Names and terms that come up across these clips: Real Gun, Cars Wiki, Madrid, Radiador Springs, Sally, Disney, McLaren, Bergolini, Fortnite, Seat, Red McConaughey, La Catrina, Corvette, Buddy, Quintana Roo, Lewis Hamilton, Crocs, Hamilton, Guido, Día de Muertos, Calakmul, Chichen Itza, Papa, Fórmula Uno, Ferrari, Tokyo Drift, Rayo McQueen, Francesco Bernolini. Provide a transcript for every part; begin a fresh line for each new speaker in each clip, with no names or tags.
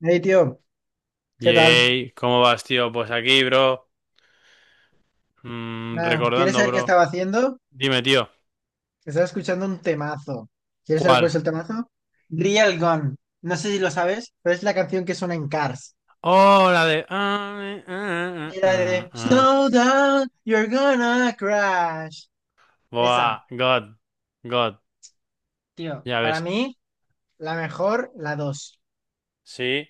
Hey, tío, ¿qué tal?
Yay, ¿cómo vas, tío? Pues aquí, bro.
Nada, ¿quieres
Recordando,
saber qué
bro.
estaba haciendo?
Dime, tío.
Estaba escuchando un temazo. ¿Quieres saber cuál
¿Cuál?
es el temazo? Real Gun. No sé si lo sabes, pero es la canción que suena en Cars.
Oh, la de... ah, ah,
Era
ah,
de
ah, ah.
Slow down, you're gonna crash. Esa,
Buah, God. God.
tío,
Ya
para
ves.
mí, la mejor, la 2.
Sí.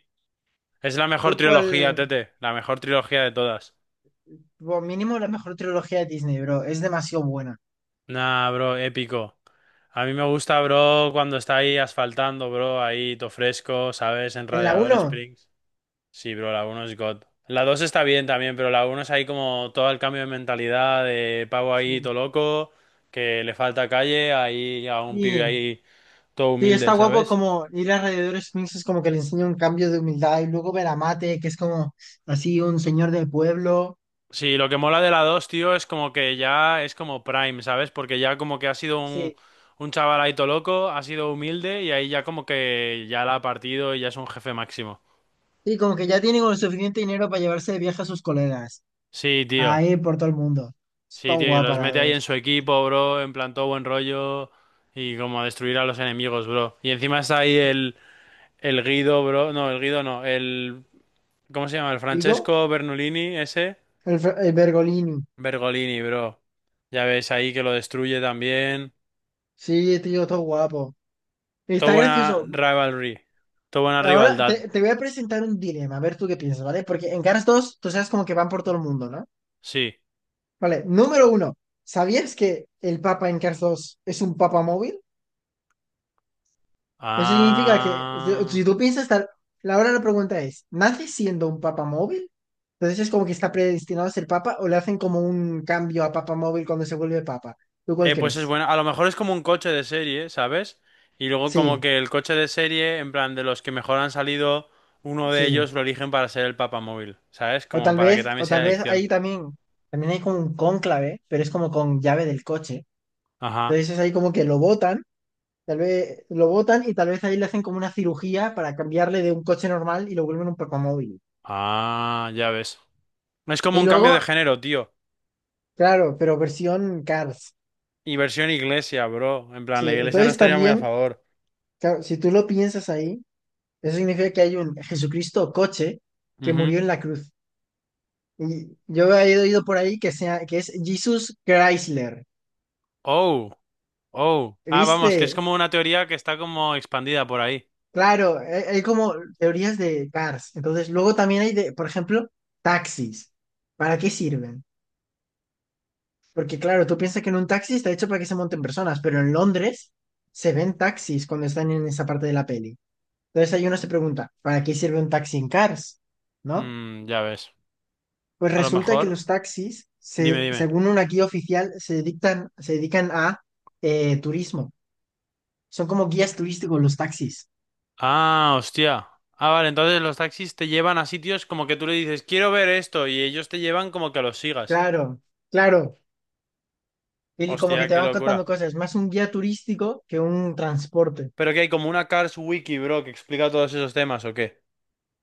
Es la mejor
¿Tú
trilogía,
cuál?
Tete. La mejor trilogía de todas.
Como mínimo, la mejor trilogía de Disney, bro. Es demasiado buena.
Nah, bro, épico. A mí me gusta, bro, cuando está ahí asfaltando, bro. Ahí, todo fresco, ¿sabes? En
En la
Radiador
1,
Springs. Sí, bro, la uno es God. La 2 está bien también, pero la uno es ahí como todo el cambio de mentalidad de pavo ahí
sí.
todo loco, que le falta calle, ahí a un pibe
Sí.
ahí todo
Sí, está
humilde,
guapo
¿sabes?
como ir a alrededores mixtos, como que le enseña un cambio de humildad y luego ver a Mate, que es como así un señor del pueblo.
Sí, lo que mola de la 2, tío, es como que ya es como Prime, ¿sabes? Porque ya como que ha sido un,
Sí,
un chaval ahí todo loco, ha sido humilde y ahí ya como que ya la ha partido y ya es un jefe máximo.
sí, como que ya tiene como suficiente dinero para llevarse de viaje a sus colegas,
Sí, tío.
a ir por todo el mundo. Está
Sí, tío, y
guapa
los
la
mete ahí en
dos.
su equipo, bro, en plan todo buen rollo y como a destruir a los enemigos, bro. Y encima está ahí el Guido, bro. No, el Guido no, ¿Cómo se llama? El
Digo,
Francesco Bernolini, ese.
el Bergolini.
Bergolini, bro. Ya ves ahí que lo destruye también.
Sí, tío, todo guapo.
Todo
Está
buena
gracioso.
rivalry. Todo buena
Ahora
rivalidad.
te voy a presentar un dilema, a ver tú qué piensas, ¿vale? Porque en Cars 2, tú sabes como que van por todo el mundo, ¿no?
Sí.
Vale, número uno. ¿Sabías que el Papa en Cars 2 es un Papa móvil? Eso significa que si
Ah.
tú piensas estar, la hora de la pregunta es, ¿nace siendo un papa móvil? Entonces es como que está predestinado a ser papa o le hacen como un cambio a papa móvil cuando se vuelve papa. ¿Tú cuál
Pues es
crees?
bueno. A lo mejor es como un coche de serie, ¿sabes? Y luego como
Sí,
que el coche de serie, en plan de los que mejor han salido, uno de
sí.
ellos lo eligen para ser el papamóvil, ¿sabes?
O
Como para que también sea
tal vez
elección.
ahí también, también hay como un cónclave, pero es como con llave del coche.
Ajá.
Entonces es ahí como que lo botan, tal vez lo botan y tal vez ahí le hacen como una cirugía para cambiarle de un coche normal y lo vuelven un papa móvil.
Ah, ya ves. Es como
Y
un cambio de
luego,
género, tío.
claro, pero versión Cars.
Y versión iglesia, bro. En plan, la
Sí,
iglesia no
entonces
estaría muy a
también.
favor.
Claro, si tú lo piensas ahí, eso significa que hay un Jesucristo coche que
Ujú.
murió en la cruz. Y yo he oído por ahí que, sea, que es Jesus Chrysler.
Oh, oh. Ah, vamos, que es
¿Viste?
como una teoría que está como expandida por ahí.
Claro, hay como teorías de cars. Entonces, luego también hay, de, por ejemplo, taxis. ¿Para qué sirven? Porque claro, tú piensas que en un taxi está hecho para que se monten personas, pero en Londres se ven taxis cuando están en esa parte de la peli. Entonces ahí uno se pregunta, ¿para qué sirve un taxi en Cars? ¿No?
Ya ves.
Pues
A lo
resulta que
mejor.
los taxis,
Dime,
se,
dime.
según una guía oficial, se dedican a turismo. Son como guías turísticos los taxis.
Ah, hostia. Ah, vale, entonces los taxis te llevan a sitios como que tú le dices, quiero ver esto, y ellos te llevan como que los sigas.
Claro, claro. Y como que
Hostia,
te
qué
van contando
locura.
cosas, más un guía turístico que un transporte.
Pero que hay como una Cars Wiki, bro, que explica todos esos temas, ¿o qué?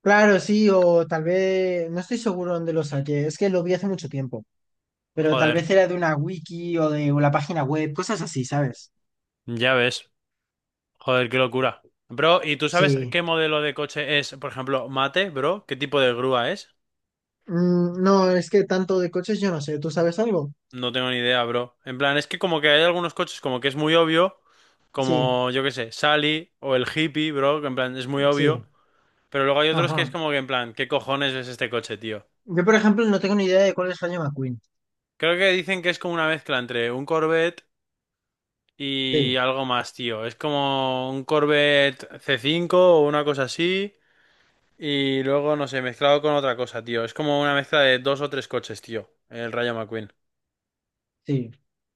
Claro, sí, o tal vez, no estoy seguro dónde lo saqué, es que lo vi hace mucho tiempo, pero tal
Joder,
vez era de una wiki o de o la página web, cosas así, ¿sabes?
ya ves. Joder, qué locura. Bro, ¿y tú sabes
Sí.
qué modelo de coche es, por ejemplo, Mate, bro? ¿Qué tipo de grúa es?
No, es que tanto de coches yo no sé, ¿tú sabes algo?
No tengo ni idea, bro. En plan, es que como que hay algunos coches como que es muy obvio,
Sí,
como yo qué sé, Sally o el Hippie, bro, que en plan es muy obvio.
sí.
Pero luego hay otros que es
Ajá.
como que en plan, ¿qué cojones es este coche, tío?
Yo, por ejemplo, no tengo ni idea de cuál es Rayo McQueen.
Creo que dicen que es como una mezcla entre un Corvette y
Sí,
algo más, tío. Es como un Corvette C5 o una cosa así. Y luego, no sé, mezclado con otra cosa, tío. Es como una mezcla de 2 o 3 coches, tío. El Rayo McQueen.
sí,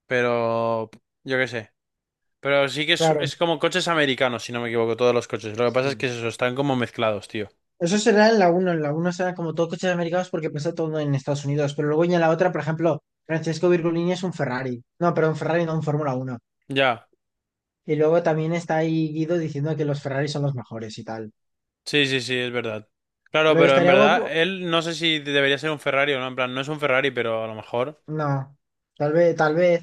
Pero, yo qué sé. Pero sí que es,
claro,
es como coches americanos, si no me equivoco, todos los coches. Lo que pasa es que
sí.
es eso, están como mezclados, tío.
Eso será en la 1. En la 1 será como todo coches americanos porque pasa todo en Estados Unidos. Pero luego ya en la otra, por ejemplo, Francesco Virgolini es un Ferrari. No, pero un Ferrari, no un Fórmula Uno.
Ya.
Y luego también está ahí Guido diciendo que los Ferrari son los mejores y tal.
Sí, sí, sí, es verdad. Claro,
Lo que
pero en
estaría
verdad,
guapo,
él no sé si debería ser un Ferrari o no. En plan, no es un Ferrari, pero a lo mejor.
no. Tal vez, tal vez.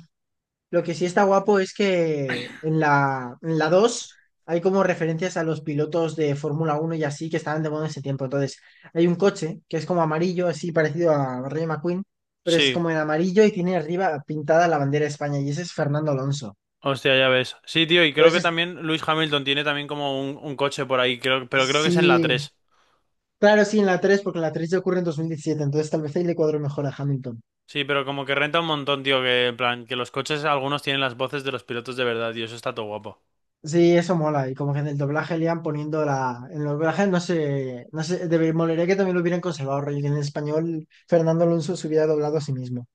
Lo que sí está guapo es que en la 2 hay como referencias a los pilotos de Fórmula uno y así que estaban de moda en ese tiempo. Entonces, hay un coche que es como amarillo, así parecido a Ray McQueen, pero es
Sí,
como en amarillo y tiene arriba pintada la bandera de España y ese es Fernando Alonso.
hostia, ya ves. Sí, tío, y creo que
Entonces,
también Lewis Hamilton tiene también como un coche por ahí, creo, pero creo que es en la
sí,
tres.
claro, sí, en la 3 porque en la 3 ya ocurre en 2017, entonces tal vez ahí le cuadro mejor a Hamilton.
Sí, pero como que renta un montón, tío, que en plan, que los coches algunos tienen las voces de los pilotos de verdad, tío, eso está todo guapo.
Sí, eso mola. Y como que en el doblaje le iban poniendo la. En el doblaje no sé. No sé. De... Molaría que también lo hubieran conservado. Rollo, que en español, Fernando Alonso se hubiera doblado a sí mismo.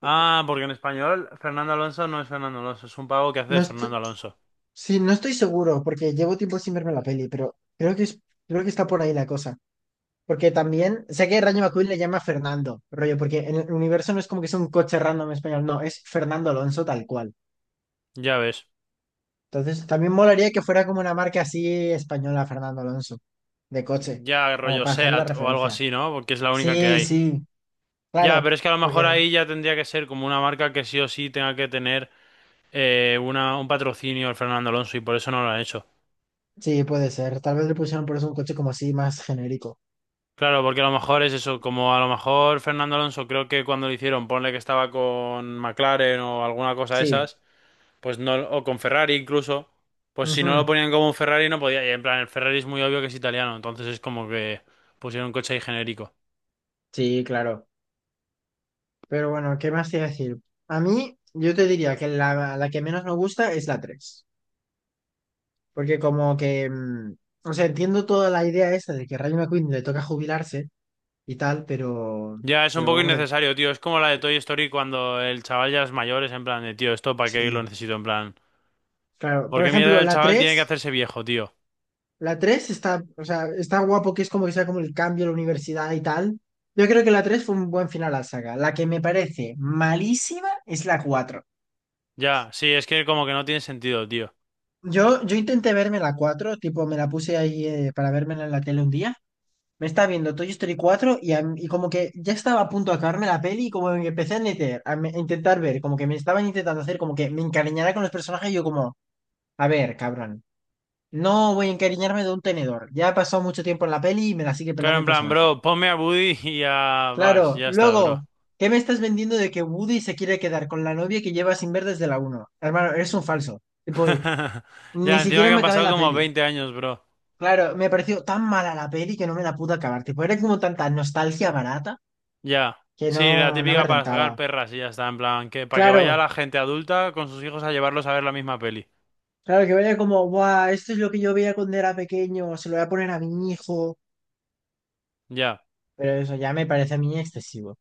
Ah, porque en español Fernando Alonso no es Fernando Alonso, es un pavo que hace
No
de Fernando
estoy...
Alonso.
Sí, no estoy seguro, porque llevo tiempo sin verme la peli, pero creo que es... creo que está por ahí la cosa. Porque también. Sé que Rayo McQueen le llama Fernando, rollo, porque en el universo no es como que es un coche random en español, no, es Fernando Alonso tal cual.
Ya ves.
Entonces, también molaría que fuera como una marca así española, Fernando Alonso, de coche,
Ya
como
rollo
para hacer la
Seat o algo
referencia.
así, ¿no? Porque es la única que
Sí,
hay.
sí,
Ya,
claro,
pero es que a lo mejor
porque
ahí ya tendría que ser como una marca que sí o sí tenga que tener un patrocinio el Fernando Alonso y por eso no lo han hecho.
sí, puede ser. Tal vez le pusieron por eso un coche como así más genérico.
Claro, porque a lo mejor es eso, como a lo mejor Fernando Alonso creo que cuando lo hicieron, ponle que estaba con McLaren o alguna cosa de
Sí,
esas, pues no, o con Ferrari incluso, pues si no lo
ujú,
ponían como un Ferrari no podía, y en plan el Ferrari es muy obvio que es italiano, entonces es como que pusieron un coche ahí genérico.
sí, claro. Pero bueno, ¿qué más te iba a decir? A mí, yo te diría que la que menos me gusta es la 3, porque como que, o sea, entiendo toda la idea esta de que Rayo McQueen le toca jubilarse y tal,
Ya, es un
pero
poco
hombre,
innecesario, tío, es como la de Toy Story cuando el chaval ya es mayor, es en plan de, tío, esto para qué lo
sí.
necesito, en plan...
Claro, por
Porque mierda
ejemplo,
el
la
chaval tiene que
tres.
hacerse viejo, tío.
La 3 está, o sea, está guapo que es como que sea como el cambio de la universidad y tal. Yo creo que la 3 fue un buen final a la saga. La que me parece malísima es la cuatro.
Ya, sí, es que como que no tiene sentido, tío.
Yo intenté verme la 4 tipo, me la puse ahí para vérmela en la tele un día. Me estaba viendo Toy Story 4 y, y como que ya estaba a punto de acabarme la peli y como que empecé a, meter, a intentar ver, como que me estaban intentando hacer como que me encariñara con los personajes y yo como, a ver, cabrón, no voy a encariñarme de un tenedor. Ya ha pasado mucho tiempo en la peli y me la sigue
Claro,
pelando
en
el
plan,
personaje.
bro, ponme a Buddy y ya vas,
Claro,
ya está,
luego,
bro.
¿qué me estás vendiendo de que Woody se quiere quedar con la novia que lleva sin ver desde la uno? Hermano, eres un falso. Tipo, ni
Ya, encima
siquiera
que han
me acabé
pasado
la
como
peli.
20 años, bro.
Claro, me pareció tan mala la peli que no me la pude acabar. Tipo, era como tanta nostalgia barata
Ya.
que
Sí, la
no, no me
típica para sacar
rentaba.
perras y ya está, en plan, que para que vaya
Claro,
la gente adulta con sus hijos a llevarlos a ver la misma peli.
claro, que vaya como, guau, esto es lo que yo veía cuando era pequeño, se lo voy a poner a mi hijo.
Ya.
Pero eso ya me parece a mí excesivo.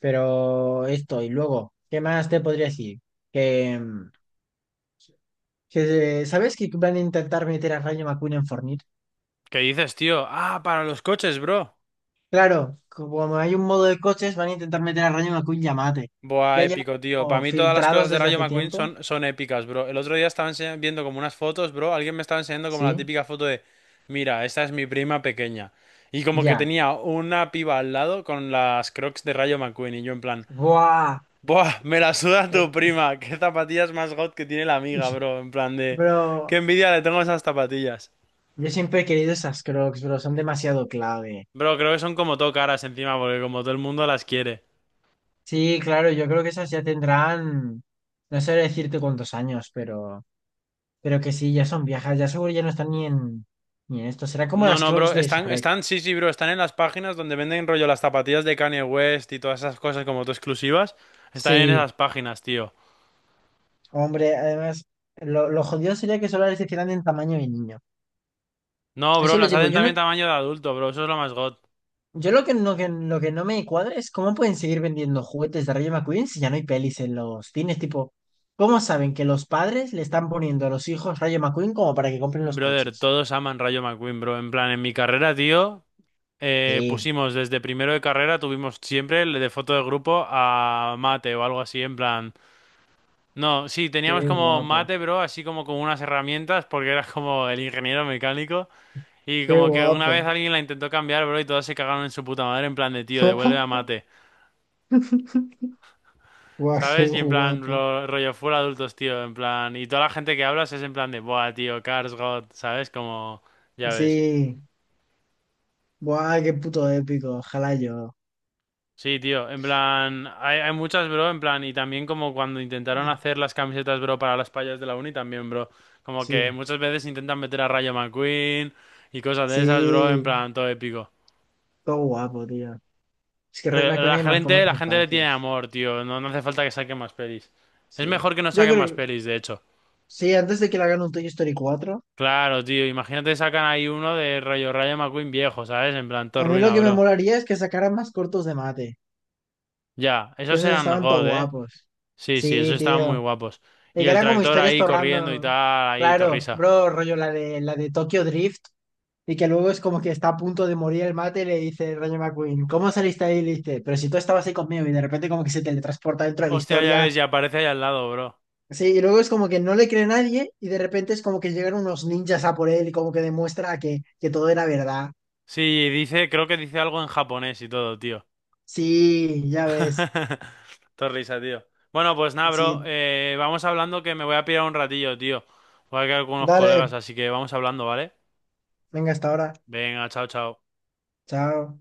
Pero esto, y luego, ¿qué más te podría decir? Que... ¿sabes que van a intentar meter a Rayo McQueen en Fortnite?
¿Qué dices, tío? Ah, para los coches, bro.
Claro, como hay un modo de coches, van a intentar meter a Rayo McQueen y a Mate.
Buah,
Ya llevan
épico, tío. Para
como
mí todas las cosas
filtrados
de
desde
Rayo
hace
McQueen
tiempo.
son épicas, bro. El otro día estaba viendo como unas fotos, bro. Alguien me estaba enseñando como la
Sí,
típica foto de, mira, esta es mi prima pequeña. Y como que
ya.
tenía una piba al lado con las Crocs de Rayo McQueen y yo en plan,
¡Buah!
buah, me la suda
Eh,
tu prima. Qué zapatillas más god que tiene la amiga, bro. En plan de, qué
bro,
envidia le tengo a esas zapatillas.
yo siempre he querido esas Crocs, bro, son demasiado clave.
Bro, creo que son como todo caras encima porque como todo el mundo las quiere.
Sí, claro, yo creo que esas ya tendrán, no sé decirte cuántos años, pero que sí, ya son viejas, ya seguro ya no están ni en, ni en esto. Será como
No,
las
no,
Crocs
bro,
de Shrek.
sí, sí, bro, están en las páginas donde venden rollo las zapatillas de Kanye West y todas esas cosas como tú exclusivas. Están en
Sí.
esas páginas, tío.
Hombre, además, lo jodido sería que solo les hicieran en tamaño de niño.
No, bro,
Eso le
las
digo,
hacen también tamaño de adulto, bro, eso es lo más god.
yo lo que no, que, lo que no me cuadra es cómo pueden seguir vendiendo juguetes de Rayo McQueen si ya no hay pelis en los cines, tipo, ¿cómo saben que los padres le están poniendo a los hijos Rayo McQueen como para que compren los
Brother,
coches?
todos aman Rayo McQueen, bro. En plan, en mi carrera, tío,
Sí,
pusimos desde primero de carrera, tuvimos siempre el de foto de grupo a Mate o algo así, en plan. No, sí, teníamos
qué
como
guapo,
Mate, bro, así como con unas herramientas, porque era como el ingeniero mecánico. Y
qué
como que una vez
guapo.
alguien la intentó cambiar, bro, y todos se cagaron en su puta madre, en plan de tío, devuelve a mate,
Guau, qué
¿sabes? Y en plan,
guapo.
rollo full adultos, tío, en plan. Y toda la gente que hablas es en plan de, buah, tío, Cars God, ¿sabes? Como, ya ves.
Sí, guau, qué puto épico, ojalá yo.
Sí, tío, en plan, hay muchas, bro, en plan, y también como cuando intentaron hacer las camisetas, bro, para las payas de la uni, también, bro. Como que
Sí,
muchas veces intentan meter a Rayo McQueen y cosas de esas, bro, en
sí,
plan, todo épico.
todo guapo, tío. Es que Red
Pero la
McConaughey marcó
gente,
más
la gente le tiene
infancias.
amor, tío. No, no hace falta que saquen más pelis. Es
Sí.
mejor que no
Yo
saquen más
creo,
pelis, de hecho.
sí, antes de que le hagan un Toy Story 4,
Claro, tío. Imagínate sacan ahí uno de rollo Rayo McQueen viejo, ¿sabes? En plan, todo
a mí lo
ruina,
que me
bro.
molaría es que sacaran más cortos de mate.
Ya,
Que
esos
esos
eran
estaban todo
God, ¿eh?
guapos.
Sí, sí,
Sí,
esos estaban muy
tío.
guapos. Y
Y que
el
eran como
tractor
historias
ahí
todo
corriendo y
random.
tal, ahí,
Claro,
torrisa.
bro, rollo la de Tokyo Drift. Y que luego es como que está a punto de morir el mate y le dice Rayo McQueen, ¿cómo saliste ahí? Y le dice, pero si tú estabas ahí conmigo y de repente como que se teletransporta dentro de la
Hostia, ya
historia.
ves, ya aparece ahí al lado, bro.
Sí, y luego es como que no le cree nadie y de repente es como que llegan unos ninjas a por él y como que demuestra que todo era verdad.
Sí, dice, creo que dice algo en japonés y todo, tío.
Sí, ya ves.
Todo risa, tío. Bueno, pues nada, bro.
Sí,
Vamos hablando que me voy a pirar un ratillo, tío. Voy a quedar con unos colegas,
dale.
así que vamos hablando, ¿vale?
Venga, hasta ahora.
Venga, chao, chao.
Chao.